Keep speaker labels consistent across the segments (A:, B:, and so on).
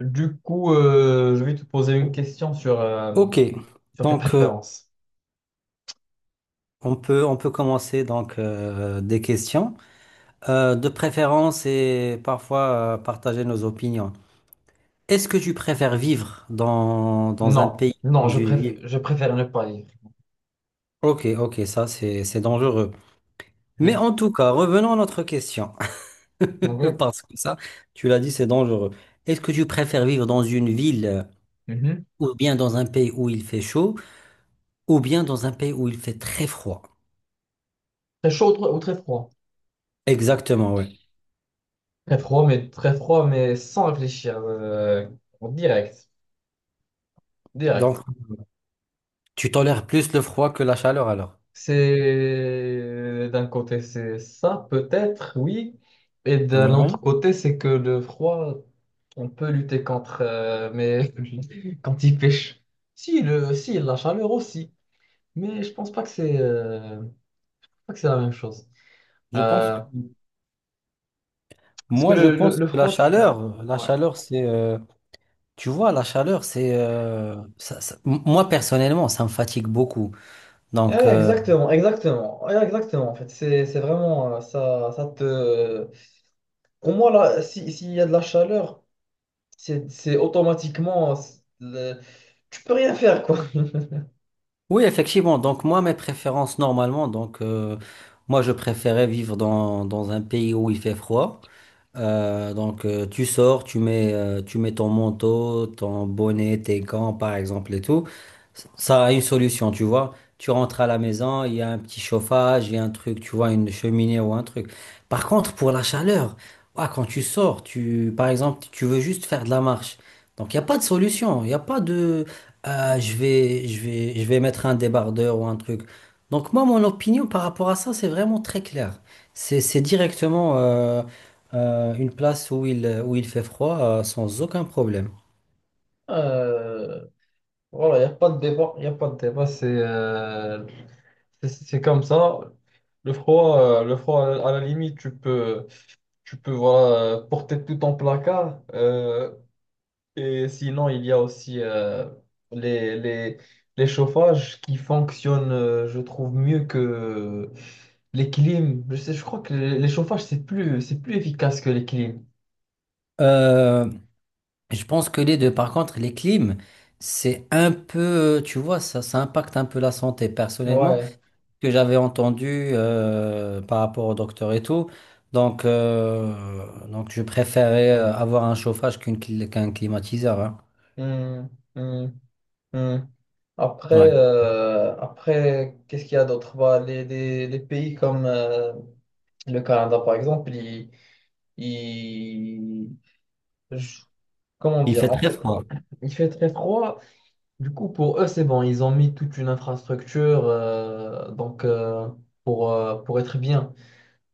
A: Du coup, je vais te poser une question sur
B: Ok,
A: sur tes
B: donc euh,
A: préférences.
B: on peut commencer des questions. De préférence et parfois partager nos opinions. Est-ce que tu préfères vivre dans un
A: Non,
B: pays,
A: non,
B: dans une ville?
A: je préfère ne pas lire.
B: Ok, ok, ça c'est dangereux. Mais
A: Hmm.
B: en tout cas, revenons à notre question.
A: Ok.
B: Parce que ça, tu l'as dit, c'est dangereux. Est-ce que tu préfères vivre dans une ville
A: Mhm.
B: ou bien dans un pays où il fait chaud ou bien dans un pays où il fait très froid?
A: Très chaud ou très froid?
B: Exactement, oui.
A: Très froid, mais sans réfléchir. En direct, direct.
B: Donc, tu tolères plus le froid que la chaleur alors?
A: C'est d'un côté, c'est ça, peut-être, oui. Et d'un
B: Ouais.
A: autre côté, c'est que le froid, on peut lutter contre, mais quand il pêche. Si, le, si, la chaleur aussi. Mais je pense pas que c'est pas que c'est la même chose.
B: Je pense que
A: Euh, Parce que
B: moi je pense
A: le
B: que
A: froid, tu...
B: la
A: Ouais.
B: chaleur c'est tu vois la chaleur c'est moi personnellement ça me fatigue beaucoup.
A: Eh
B: Donc
A: ouais,
B: euh,
A: exactement, exactement, ouais, exactement. En fait, c'est vraiment ça te. Pour moi, là, si, s'il y a de la chaleur, c'est automatiquement. C'est le- Tu peux rien faire, quoi.
B: oui effectivement donc moi mes préférences normalement moi je préférais vivre dans un pays où il fait froid. Tu sors, tu mets ton manteau, ton bonnet, tes gants par exemple et tout. Ça a une solution, tu vois. Tu rentres à la maison, il y a un petit chauffage, il y a un truc, tu vois, une cheminée ou un truc. Par contre, pour la chaleur, ouah, quand tu sors, tu, par exemple, tu veux juste faire de la marche. Donc il n'y a pas de solution, il n'y a pas de je vais mettre un débardeur ou un truc. Donc moi, mon opinion par rapport à ça, c'est vraiment très clair. C'est directement une place où où il fait froid sans aucun problème.
A: Euh, Voilà, il n'y a pas de débat, il a pas de débat, c'est comme ça. Le froid, à la limite, tu peux voilà, porter tout ton placard. Et sinon, il y a aussi les, les, les chauffages qui fonctionnent, je trouve, mieux que les clims. Je sais, je crois que les chauffages, c'est plus efficace que les clims.
B: Euh, je pense que les deux, par contre, les clims, c'est un peu, tu vois, ça impacte un peu la santé. Personnellement, ce
A: Ouais.
B: que j'avais entendu par rapport au docteur et tout, donc je préférais avoir un chauffage qu'un climatiseur, hein.
A: Hmm, hmm. Hmm. Après,
B: Ouais.
A: après qu'est-ce qu'il y a d'autre? Bah, les pays comme le Canada, par exemple, il- je- comment
B: Il fait
A: dire? En
B: très
A: fait,
B: froid.
A: il fait très froid. Du coup, pour eux, c'est bon. Ils ont mis toute une infrastructure donc, pour être bien.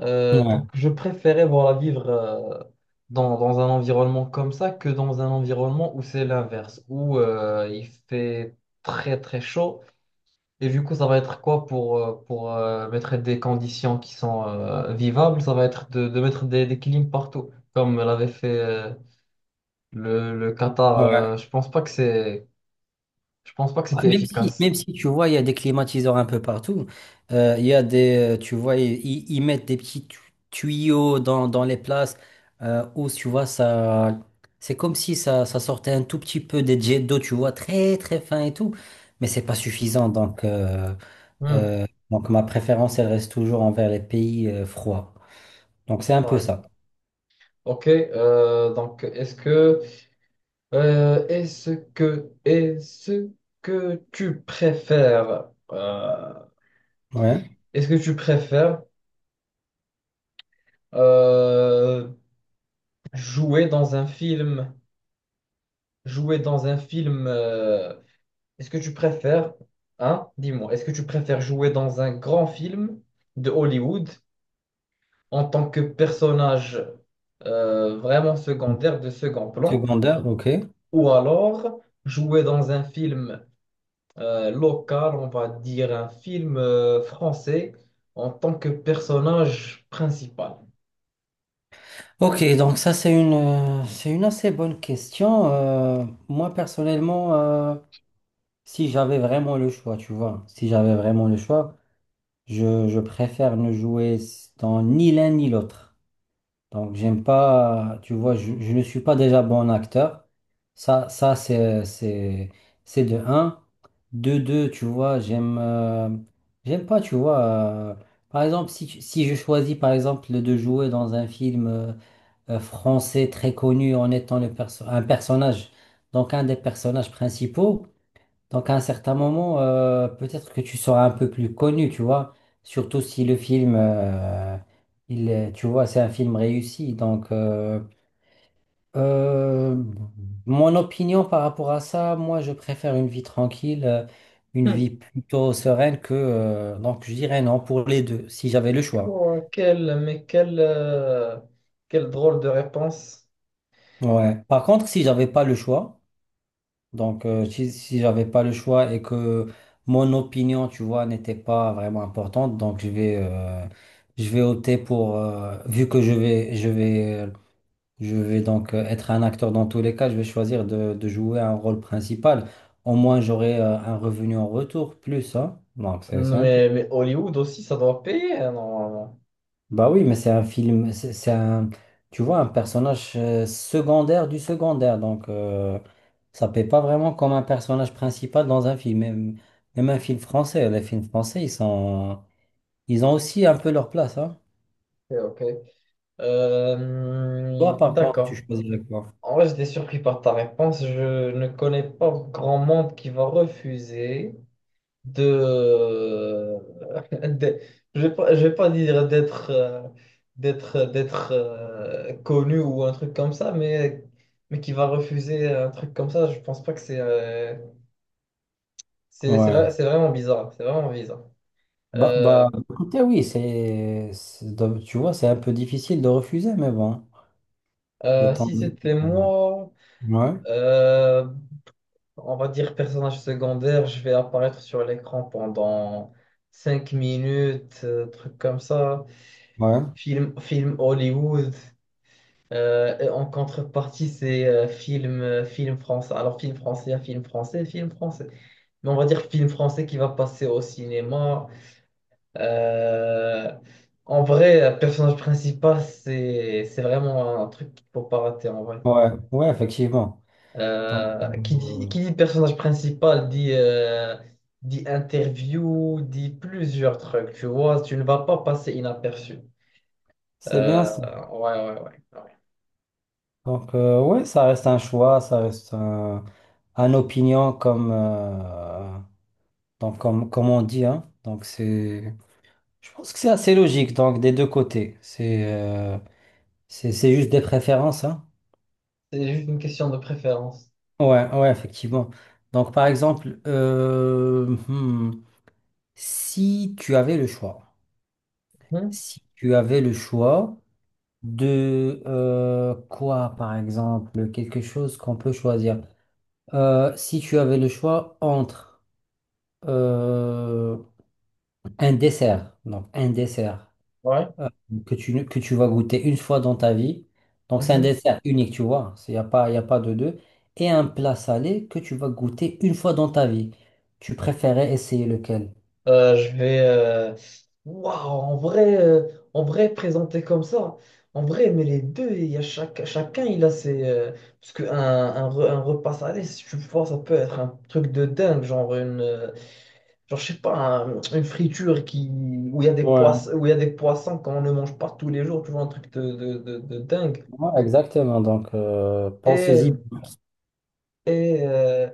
B: Ouais.
A: Donc, je préférais voilà, vivre dans, dans un environnement comme ça que dans un environnement où c'est l'inverse, où il fait très, très chaud. Et du coup, ça va être quoi pour mettre des conditions qui sont vivables? Ça va être de mettre des clim partout, comme l'avait fait le Qatar.
B: Ouais.
A: Je pense pas que c'est, je pense pas que
B: Ouais,
A: c'était
B: même si,
A: efficace.
B: même si tu vois, il y a des climatiseurs un peu partout, il y a tu vois, ils mettent des petits tuyaux dans les places où, tu vois, ça, c'est comme si ça sortait un tout petit peu des jets d'eau, tu vois, très très fin et tout, mais c'est pas suffisant. Donc, euh,
A: Hmm,
B: euh, donc ma préférence, elle reste toujours envers les pays froids. Donc, c'est un peu
A: ouais.
B: ça.
A: Ok, donc est-ce que tu préfères,
B: Ouais.
A: est-ce que tu préfères euh, jouer dans un film, jouer dans un film. Est-ce que tu préfères, hein, dis-moi, est-ce que tu préfères jouer dans un grand film de Hollywood en tant que personnage vraiment secondaire de second plan,
B: Secondaire, ok.
A: ou alors jouer dans un film local, on va dire un film français en tant que personnage principal?
B: Ok, donc ça c'est c'est une assez bonne question. Moi personnellement, si j'avais vraiment le choix, tu vois, si j'avais vraiment le choix, je préfère ne jouer dans ni l'un ni l'autre. Donc j'aime pas, tu vois, je ne suis pas déjà bon acteur. Ça, ça c'est, c'est, c'est de un. De deux, tu vois, j'aime pas, tu vois. Par exemple, si, si je choisis par exemple de jouer dans un film français très connu, en étant un personnage, donc un des personnages principaux. Donc à un certain moment, peut-être que tu seras un peu plus connu, tu vois. Surtout si le film, tu vois, c'est un film réussi. Donc euh, mon opinion par rapport à ça, moi je préfère une vie tranquille, une
A: Hmm.
B: vie plutôt sereine que... donc je dirais non pour les deux, si j'avais le choix.
A: Oh, quelle drôle de réponse.
B: Ouais. Par contre, si j'avais pas le choix. Si j'avais pas le choix et que mon opinion, tu vois, n'était pas vraiment importante, donc je vais opter pour, vu que je vais être un acteur dans tous les cas, je vais choisir de jouer un rôle principal. Au moins, j'aurai un revenu en retour, plus, hein. Donc, c'est simple.
A: Mais Hollywood aussi, ça doit payer, hein, normalement.
B: Bah oui, mais c'est un film, c'est un, tu vois, un personnage secondaire du secondaire, ça paie pas vraiment comme un personnage principal dans un film, même, même un film français. Les films français, ils sont, ils ont aussi un peu leur place, hein.
A: Ok, ok.
B: Toi, par contre, tu
A: D'accord.
B: choisirais quoi?
A: En vrai, j'étais surpris par ta réponse. Je ne connais pas grand monde qui va refuser de... de- je vais pas dire d'être connu ou un truc comme ça, mais qui va refuser un truc comme ça. Je pense pas que
B: Ouais.
A: c'est vraiment bizarre. C'est vraiment bizarre.
B: Bah,
A: Euh,
B: bah, écoutez, oui, tu vois, c'est un peu difficile de refuser, mais bon, de temps en
A: Si c'était
B: temps.
A: moi.
B: Ouais,
A: euh, On va dire personnage secondaire, je vais apparaître sur l'écran pendant 5 minutes, truc comme ça.
B: ouais,
A: Film, film Hollywood. Et en contrepartie, c'est film français. Alors, film français, film français, film français. Mais on va dire film français qui va passer au cinéma. Euh, en vrai, personnage principal, c'est vraiment un truc qu'il faut pas rater en vrai.
B: ouais, ouais, effectivement. Donc, euh,
A: Qui dit personnage principal dit, dit interview, dit plusieurs trucs, tu vois, tu ne vas pas passer inaperçu.
B: c'est bien.
A: Euh, ouais, ouais, ouais, ouais.
B: Ouais, ça reste un choix, ça reste un opinion comme on dit, hein. Donc, c'est, je pense que c'est assez logique, donc, des deux côtés. C'est juste des préférences, hein.
A: C'est juste une question de préférence.
B: Ouais, ouais, effectivement. Donc, par exemple, hmm, si tu avais le choix,
A: Mhm,
B: si tu avais le choix de par exemple, quelque chose qu'on peut choisir. Si tu avais le choix entre Euh, un dessert, donc un dessert
A: ouais.
B: euh, que que tu vas goûter une fois dans ta vie. Donc c'est un
A: Mhm.
B: dessert unique, tu vois, il n'y a pas, y a pas de deux. Et un plat salé que tu vas goûter une fois dans ta vie. Tu préférais essayer lequel?
A: Je vais. Waouh, en vrai, présenté comme ça. En vrai, mais les deux, il y a chaque, chacun, il a ses. Parce un repas salé, si tu vois, ça peut être un truc de dingue, genre une. Genre, je sais pas, un- une friture qui, où il y a des poissons,
B: Ouais,
A: où il y a des poissons qu'on ne mange pas tous les jours, tu vois, un truc de dingue.
B: ouais, exactement.
A: Et
B: Pense-y.
A: Et,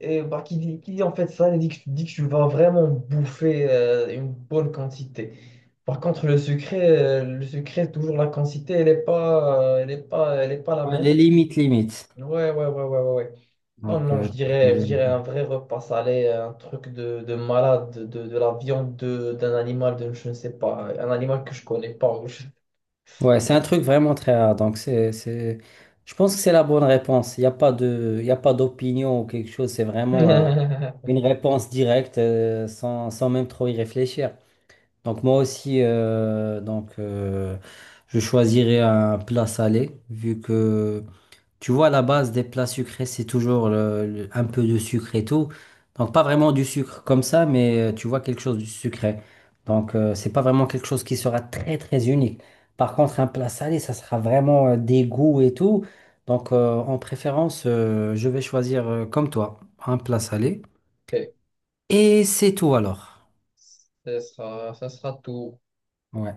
A: et bah, qui dit en fait ça, dit que tu vas vraiment bouffer une bonne quantité. Par contre, le sucré, toujours la quantité, elle n'est pas, elle est pas, elle est pas la
B: Les
A: même.
B: limites, limites.
A: Ouais, ouais, ouais, ouais, ouais, ouais. Non, non,
B: Tu
A: je
B: choisis.
A: dirais un vrai repas salé, un truc de malade, de, la viande d'un animal, de, je ne sais pas, un animal que je connais pas. Ou je-
B: Ouais, c'est un truc vraiment très rare. Donc, c'est, je pense que c'est la bonne réponse. Il n'y a pas il y a pas d'opinion ou quelque chose. C'est vraiment une réponse directe sans même trop y réfléchir. Donc, moi aussi, je choisirais un plat salé vu que tu vois, la base des plats sucrés, c'est toujours un peu de sucre et tout. Donc, pas vraiment du sucre comme ça, mais tu vois, quelque chose de sucré. C'est pas vraiment quelque chose qui sera très, très unique. Par contre, un plat salé, ça sera vraiment des goûts et tout. En préférence, je vais choisir comme toi, un plat salé.
A: Ok,
B: Et c'est tout alors.
A: ce sera, ce sera tout.
B: Ouais.